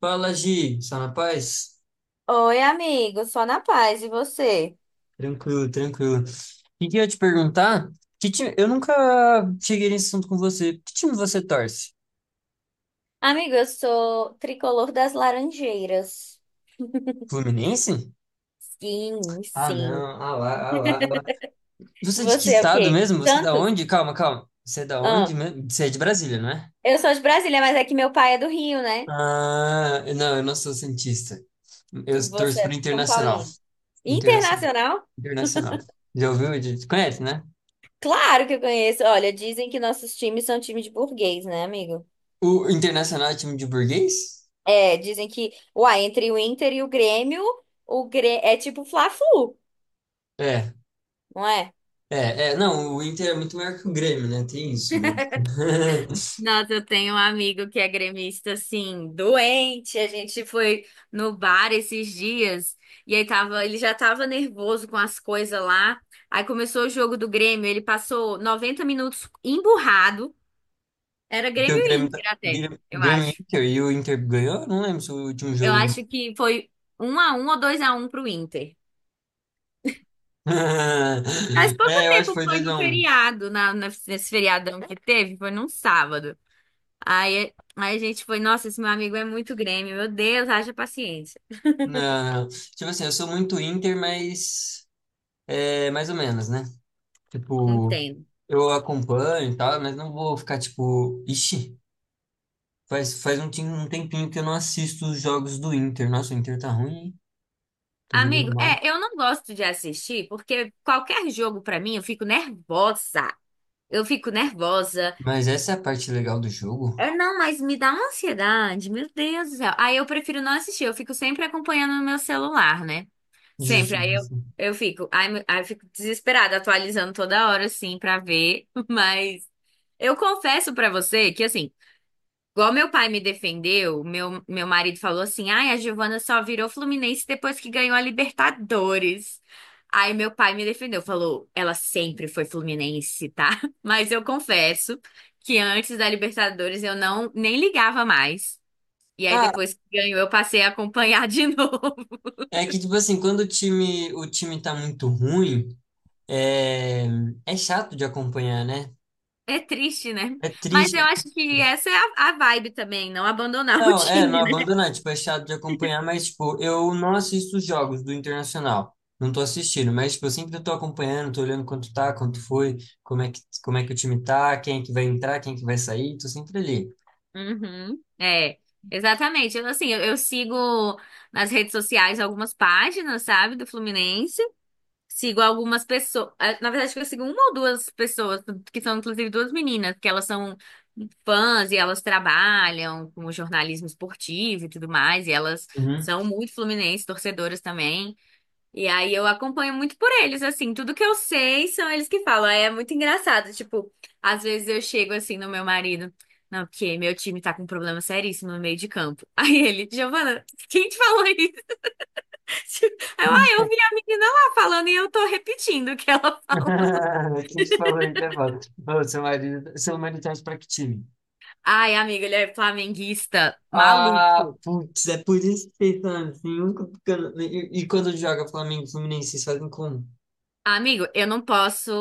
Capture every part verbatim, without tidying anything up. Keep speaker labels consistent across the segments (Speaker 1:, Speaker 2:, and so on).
Speaker 1: Fala, Gi, só na paz?
Speaker 2: Oi, amigo, só na paz, e você?
Speaker 1: Tranquilo, tranquilo. E queria te perguntar, que time... eu nunca cheguei nesse assunto com você. Que time você torce?
Speaker 2: Amigo, eu sou tricolor das Laranjeiras.
Speaker 1: Fluminense?
Speaker 2: Sim,
Speaker 1: Ah,
Speaker 2: sim.
Speaker 1: não, ah lá, ah lá, ah lá. Você é de que
Speaker 2: Você é o
Speaker 1: estado
Speaker 2: quê?
Speaker 1: mesmo? Você é da
Speaker 2: Santos?
Speaker 1: onde? Calma, calma. Você é da onde
Speaker 2: Ah,
Speaker 1: mesmo? Você é de Brasília, não é?
Speaker 2: eu sou de Brasília, mas é que meu pai é do Rio, né?
Speaker 1: Ah, não, eu não sou santista. Eu
Speaker 2: Você
Speaker 1: torço pro
Speaker 2: é São
Speaker 1: Internacional.
Speaker 2: Paulino.
Speaker 1: Internacional.
Speaker 2: Internacional?
Speaker 1: Internacional. Já ouviu? de- Conhece, né?
Speaker 2: Claro que eu conheço. Olha, dizem que nossos times são times de burguês, né, amigo?
Speaker 1: O Internacional é time de burguês?
Speaker 2: É, dizem que, uai, entre o Inter e o Grêmio, o Grê... é tipo Fla-Flu,
Speaker 1: É.
Speaker 2: não é?
Speaker 1: É, é, não, o Inter é muito maior que o Grêmio, né? Tem isso, mas.
Speaker 2: Nossa, eu tenho um amigo que é gremista, assim, doente. A gente foi no bar esses dias e aí tava, ele já tava nervoso com as coisas lá. Aí começou o jogo do Grêmio, ele passou noventa minutos emburrado. Era
Speaker 1: Porque
Speaker 2: Grêmio
Speaker 1: o
Speaker 2: e
Speaker 1: Grêmio, tá...
Speaker 2: Inter até,
Speaker 1: Grêmio
Speaker 2: eu
Speaker 1: Grêmio e
Speaker 2: acho.
Speaker 1: Inter e o Inter ganhou? Eu não lembro se foi o último
Speaker 2: Eu
Speaker 1: jogo.
Speaker 2: acho que foi um a um ou dois a um pro Inter. Faz pouco
Speaker 1: É, eu acho que
Speaker 2: tempo
Speaker 1: foi
Speaker 2: foi no
Speaker 1: dois a um.
Speaker 2: feriado, na, na- nesse feriadão que teve, foi num sábado. Aí, aí a gente foi, nossa, esse meu amigo é muito Grêmio, meu Deus, haja paciência.
Speaker 1: Não, não. Tipo assim, eu sou muito Inter, mas. É, mais ou menos, né? Tipo,
Speaker 2: Entendo.
Speaker 1: eu acompanho e tal, mas não vou ficar tipo. Ixi, faz, faz um, tim- um tempinho que eu não assisto os jogos do Inter. Nossa, o Inter tá ruim, hein? Tô jogando
Speaker 2: Amigo,
Speaker 1: mal.
Speaker 2: é, eu não gosto de assistir porque qualquer jogo pra mim eu fico nervosa. Eu fico nervosa.
Speaker 1: Mas essa é a parte legal do jogo.
Speaker 2: É, não, mas me dá uma ansiedade, meu Deus do céu. Aí eu prefiro não assistir, eu fico sempre acompanhando no meu celular, né? Sempre.
Speaker 1: Justo.
Speaker 2: Aí eu, eu fico, aí, me- aí eu fico desesperada, atualizando toda hora, assim, pra ver. Mas eu confesso pra você que, assim. Igual meu pai me defendeu, meu, meu marido falou assim: ai, a Giovana só virou Fluminense depois que ganhou a Libertadores. Aí meu pai me defendeu, falou: ela sempre foi Fluminense, tá? Mas eu confesso que antes da Libertadores eu não nem ligava mais. E aí
Speaker 1: Ah,
Speaker 2: depois que ganhou eu passei a acompanhar de novo.
Speaker 1: é que tipo assim, quando o time, o time tá muito ruim, é, é chato de acompanhar, né?
Speaker 2: É triste, né?
Speaker 1: É
Speaker 2: Mas
Speaker 1: triste.
Speaker 2: eu acho que essa é a, a vibe também, não abandonar o
Speaker 1: Não, é, não
Speaker 2: time.
Speaker 1: abandonar, tipo, é chato de acompanhar, mas tipo, eu não assisto os jogos do Internacional. Não tô assistindo, mas tipo, eu sempre tô acompanhando, tô olhando quanto tá, quanto foi, como é que, como é que o time tá, quem é que vai entrar, quem é que vai sair, tô sempre ali.
Speaker 2: Uhum, é, exatamente. Eu, assim, eu, eu sigo nas redes sociais algumas páginas, sabe, do Fluminense. Sigo algumas pessoas. Na verdade, acho que eu sigo uma ou duas pessoas, que são inclusive duas meninas, que elas são fãs e elas trabalham com jornalismo esportivo e tudo mais. E elas
Speaker 1: Uhum.
Speaker 2: são muito fluminenses, torcedoras também. E aí eu acompanho muito por eles, assim, tudo que eu sei são eles que falam. Aí é muito engraçado, tipo, às vezes eu chego assim no meu marido, não, porque meu time tá com um problema seríssimo no meio de campo. Aí ele, Giovana, quem te falou isso? Aí eu, ah, eu vi a menina lá falando e eu tô repetindo o que ela falou.
Speaker 1: Quem te falou isso é foda. Ô, seu marido, seu marido torce pra que time?
Speaker 2: Ai, amigo, ele é flamenguista
Speaker 1: Ah,
Speaker 2: maluco.
Speaker 1: putz, é por isso que vocês são assim, nunca ficando- E, e quando joga Flamengo e Fluminense, vocês fazem como?
Speaker 2: Amigo, eu não posso,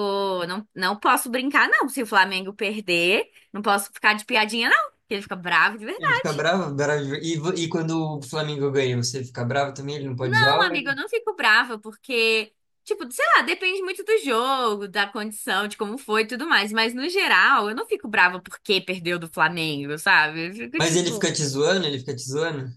Speaker 2: não, não posso brincar, não. Se o Flamengo perder, não posso ficar de piadinha, não. Porque ele fica bravo de
Speaker 1: Ele fica
Speaker 2: verdade.
Speaker 1: bravo, bravo. de- E, vo- e quando o Flamengo ganha, você fica bravo também? Ele não pode zoar?
Speaker 2: Não,
Speaker 1: ou
Speaker 2: amiga,
Speaker 1: ele-
Speaker 2: eu não fico brava, porque, tipo, sei lá, depende muito do jogo, da condição, de como foi e tudo mais. Mas, no geral, eu não fico brava porque perdeu do Flamengo, sabe? Eu fico,
Speaker 1: Mas ele
Speaker 2: tipo,
Speaker 1: fica te zoando? Ele fica te zoando?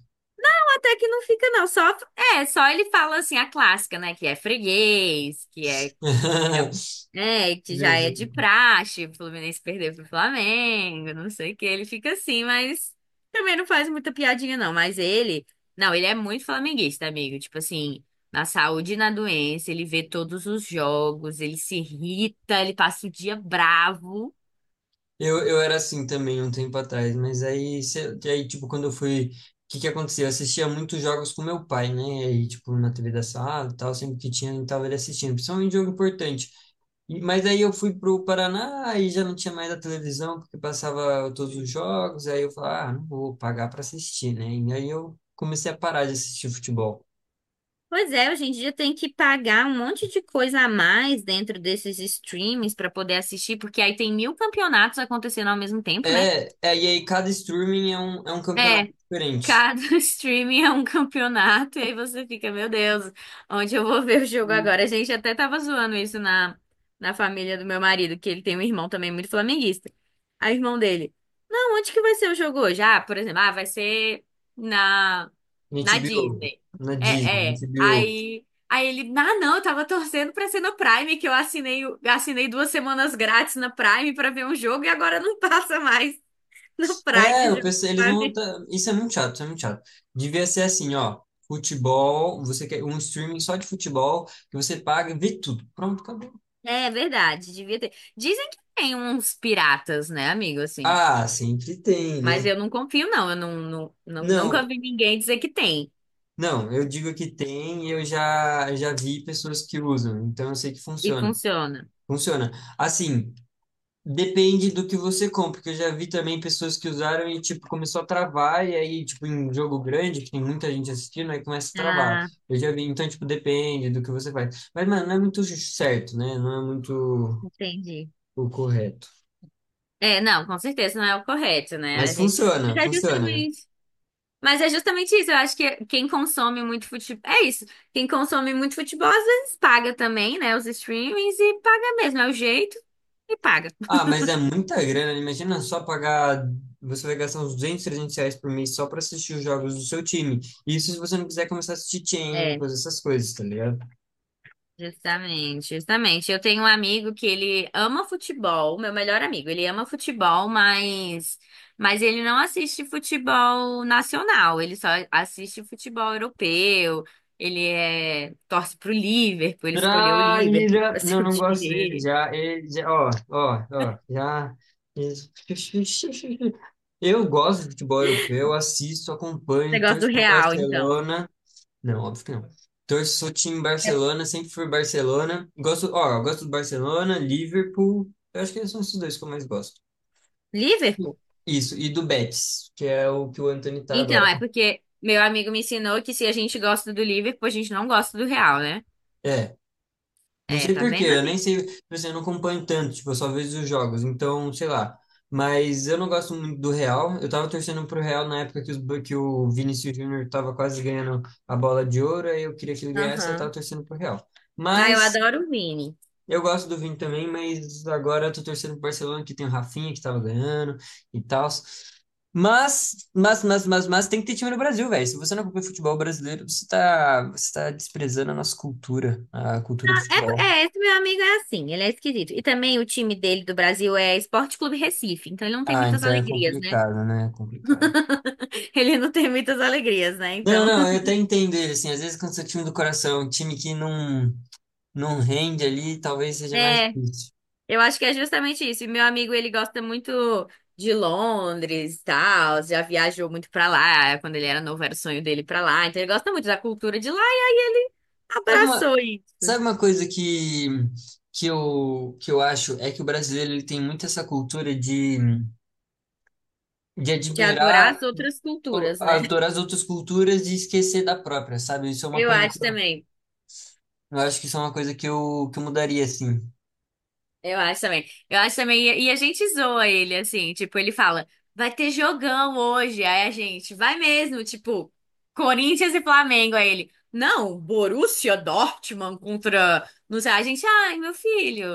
Speaker 2: até que não fica, não. Só, é, só ele fala, assim, a clássica, né? Que é freguês, que é é, é, que já
Speaker 1: Meu
Speaker 2: é de
Speaker 1: Deus.
Speaker 2: praxe, o Fluminense perder pro Flamengo, não sei o que, ele fica assim, mas também não faz muita piadinha não, mas ele, não, ele é muito flamenguista, amigo, tipo assim, na saúde e na doença, ele vê todos os jogos, ele se irrita, ele passa o dia bravo.
Speaker 1: Eu, eu era assim também um tempo atrás, mas aí, cê- aí tipo, quando eu fui. O que que aconteceu? Eu assistia muitos jogos com meu pai, né? E, tipo, na T V da sala e tal, sempre que tinha, eu tava ele assistindo, principalmente jogo importante. E- Mas aí eu fui pro Paraná e já não tinha mais a televisão, porque passava todos os jogos, aí eu falei, ah, não vou pagar para assistir, né? E aí eu comecei a parar de assistir futebol.
Speaker 2: Pois é, hoje em dia tem que pagar um monte de coisa a mais dentro desses streams para poder assistir, porque aí tem mil campeonatos acontecendo ao mesmo tempo, né?
Speaker 1: É, é, e aí cada streaming é um, é um campeonato
Speaker 2: É.
Speaker 1: diferente.
Speaker 2: Cada streaming é um campeonato, e aí você fica, meu Deus, onde eu vou ver o jogo agora? A gente até tava zoando isso na, na família do meu marido, que ele tem um irmão também muito flamenguista. Aí o irmão dele, não, onde que vai ser o jogo hoje? Ah, por exemplo, ah, vai ser na,
Speaker 1: Na
Speaker 2: na
Speaker 1: H B O,
Speaker 2: Disney.
Speaker 1: na Disney,
Speaker 2: É,
Speaker 1: na
Speaker 2: é.
Speaker 1: H B O.
Speaker 2: Aí, aí ele, ah, não, eu tava torcendo pra ser no Prime, que eu assinei, o- assinei duas semanas grátis na Prime pra ver um jogo e agora não passa mais no Prime
Speaker 1: É,
Speaker 2: o
Speaker 1: eu
Speaker 2: jogo.
Speaker 1: pensei, eles vão voltar. Isso é muito chato, isso é muito chato. Devia ser assim, ó. Futebol, você quer um streaming só de futebol, que você paga e vê tudo. Pronto, acabou.
Speaker 2: É verdade, devia ter. Dizem que tem uns piratas, né, amigo, assim.
Speaker 1: Ah, sempre tem,
Speaker 2: Mas
Speaker 1: né?
Speaker 2: eu não confio, não. Eu não, não, não-
Speaker 1: Não,
Speaker 2: nunca vi ninguém dizer que tem
Speaker 1: não, eu digo que tem, eu já já vi pessoas que usam, então eu sei que
Speaker 2: e
Speaker 1: funciona.
Speaker 2: funciona.
Speaker 1: Funciona. Assim, depende do que você compra, porque eu já vi também pessoas que usaram e tipo começou a travar e aí tipo em jogo grande, que tem muita gente assistindo, aí começa a travar.
Speaker 2: Ah,
Speaker 1: Eu já vi, então tipo depende do que você faz. Mas mano, não é muito certo, né? Não é muito
Speaker 2: entendi.
Speaker 1: o correto.
Speaker 2: É, não, com certeza não é o correto, né, a
Speaker 1: Mas
Speaker 2: gente. Mas
Speaker 1: funciona,
Speaker 2: é
Speaker 1: funciona.
Speaker 2: justamente. Mas é justamente isso. Eu acho que quem consome muito futebol. É isso. Quem consome muito futebol às vezes paga também, né? Os streamings e paga mesmo. É o jeito e paga.
Speaker 1: Ah, mas é muita grana. Imagina só pagar. Você vai gastar uns duzentos, trezentos reais por mês só para assistir os jogos do seu time. Isso se você não quiser começar a assistir
Speaker 2: É.
Speaker 1: Champions, essas coisas, tá ligado?
Speaker 2: Justamente, justamente. Eu tenho um amigo que ele ama futebol, meu melhor amigo. Ele ama futebol, mas, mas ele não assiste futebol nacional. Ele só assiste futebol europeu. Ele é, torce pro Liverpool. Ele escolheu o Liverpool
Speaker 1: Traíra!
Speaker 2: pra
Speaker 1: Não,
Speaker 2: ser o
Speaker 1: não
Speaker 2: time
Speaker 1: gosto dele.
Speaker 2: dele.
Speaker 1: Já, ele, já, ó, ó, ó, já. Eu gosto de futebol europeu, assisto, acompanho,
Speaker 2: Negócio do
Speaker 1: torço pro
Speaker 2: Real, então.
Speaker 1: Barcelona. Não, óbvio que não. Torço, sou time
Speaker 2: É
Speaker 1: Barcelona, sempre fui Barcelona. Gosto, ó, gosto do Barcelona, Liverpool. Eu acho que são esses dois que eu mais gosto.
Speaker 2: Liverpool?
Speaker 1: Isso, e do Betis, que é o que o Antony tá
Speaker 2: Então,
Speaker 1: agora.
Speaker 2: é porque meu amigo me ensinou que se a gente gosta do Liverpool, a gente não gosta do Real, né?
Speaker 1: É, não
Speaker 2: É,
Speaker 1: sei
Speaker 2: tá
Speaker 1: por quê,
Speaker 2: vendo,
Speaker 1: eu nem
Speaker 2: amigo?
Speaker 1: sei, tipo assim, eu não acompanho tanto, tipo, eu só vejo os jogos, então, sei lá. Mas eu não gosto muito do Real, eu tava torcendo pro Real na época que, os, que o Vinícius Júnior tava quase ganhando a bola de ouro, aí eu queria que ele ganhasse, aí eu tava
Speaker 2: Aham.
Speaker 1: torcendo pro Real.
Speaker 2: Ah, eu
Speaker 1: Mas
Speaker 2: adoro o Vini.
Speaker 1: eu gosto do Vini também, mas agora eu tô torcendo pro Barcelona, que tem o Rafinha, que tava ganhando e tal. Mas, mas, mas, mas, mas tem que ter time no Brasil, velho. Se você não acompanha futebol brasileiro, você tá, você tá desprezando a nossa cultura, a cultura do
Speaker 2: É, po-
Speaker 1: futebol.
Speaker 2: é, esse meu amigo é assim, ele é esquisito. E também o time dele do Brasil é Esporte Clube Recife, então ele não tem
Speaker 1: Ah,
Speaker 2: muitas
Speaker 1: então é
Speaker 2: alegrias, né?
Speaker 1: complicado, né? É complicado.
Speaker 2: Ele não tem muitas alegrias, né?
Speaker 1: Não,
Speaker 2: Então,
Speaker 1: não, eu até entendo ele, assim, às vezes quando você seu time do coração, um time que não, não rende ali, talvez seja mais
Speaker 2: é,
Speaker 1: difícil.
Speaker 2: eu acho que é justamente isso. E meu amigo, ele gosta muito de Londres, e tal, já viajou muito pra lá, quando ele era novo era o sonho dele ir pra lá, então ele gosta muito da cultura de lá e aí ele
Speaker 1: Sabe uma,
Speaker 2: abraçou isso,
Speaker 1: Sabe uma coisa que, que, eu, que eu acho é que o brasileiro ele tem muito essa cultura de, de
Speaker 2: de adorar
Speaker 1: admirar,
Speaker 2: as outras
Speaker 1: o-
Speaker 2: culturas, né?
Speaker 1: adorar as outras culturas e esquecer da própria, sabe? Isso é uma
Speaker 2: Eu
Speaker 1: coisa que
Speaker 2: acho
Speaker 1: eu,
Speaker 2: também.
Speaker 1: eu acho que isso é uma coisa que eu, que eu mudaria, assim.
Speaker 2: Eu acho também. Eu acho também. E e a gente zoa ele, assim, tipo, ele fala, vai ter jogão hoje. Aí a gente, vai mesmo, tipo, Corinthians e Flamengo. Aí ele, não, Borussia Dortmund contra. Não sei, a gente, ai, meu filho,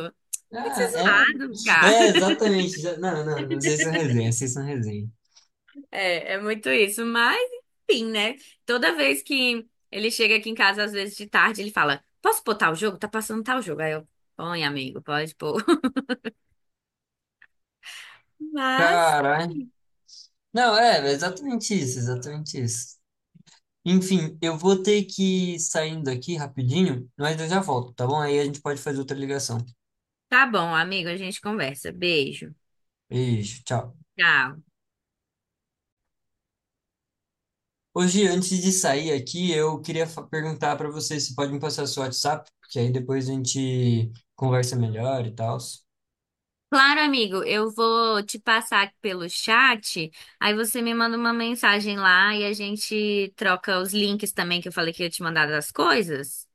Speaker 2: vai ser
Speaker 1: Ah, é,
Speaker 2: zoado, cara.
Speaker 1: é, exatamente. Já- Não, não, não, vocês são resenha, vocês são resenha.
Speaker 2: É, é muito isso. Mas, enfim, né? Toda vez que ele chega aqui em casa, às vezes de tarde, ele fala, posso pôr tal jogo? Tá passando tal jogo. Aí eu, põe, amigo, pode pôr. Mas,
Speaker 1: Caralho. Não, é, é exatamente isso, exatamente isso. Enfim, eu vou ter que ir saindo aqui rapidinho, mas eu já volto, tá bom? Aí a gente pode fazer outra ligação.
Speaker 2: tá bom, amigo, a gente conversa. Beijo.
Speaker 1: Beijo, tchau.
Speaker 2: Tá.
Speaker 1: Hoje, antes de sair aqui, eu queria fa- perguntar para você se pode me passar seu WhatsApp, porque aí depois a gente conversa melhor e tal.
Speaker 2: Claro, amigo, eu vou te passar pelo chat, aí você me manda uma mensagem lá e a gente troca os links também que eu falei que eu ia te mandar das coisas.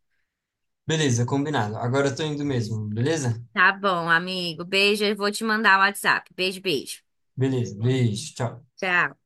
Speaker 1: Beleza, combinado. Agora eu tô indo mesmo, beleza?
Speaker 2: Tá bom, amigo. Beijo, eu vou te mandar o WhatsApp. Beijo, beijo.
Speaker 1: Beleza, beijo, tchau.
Speaker 2: Tchau.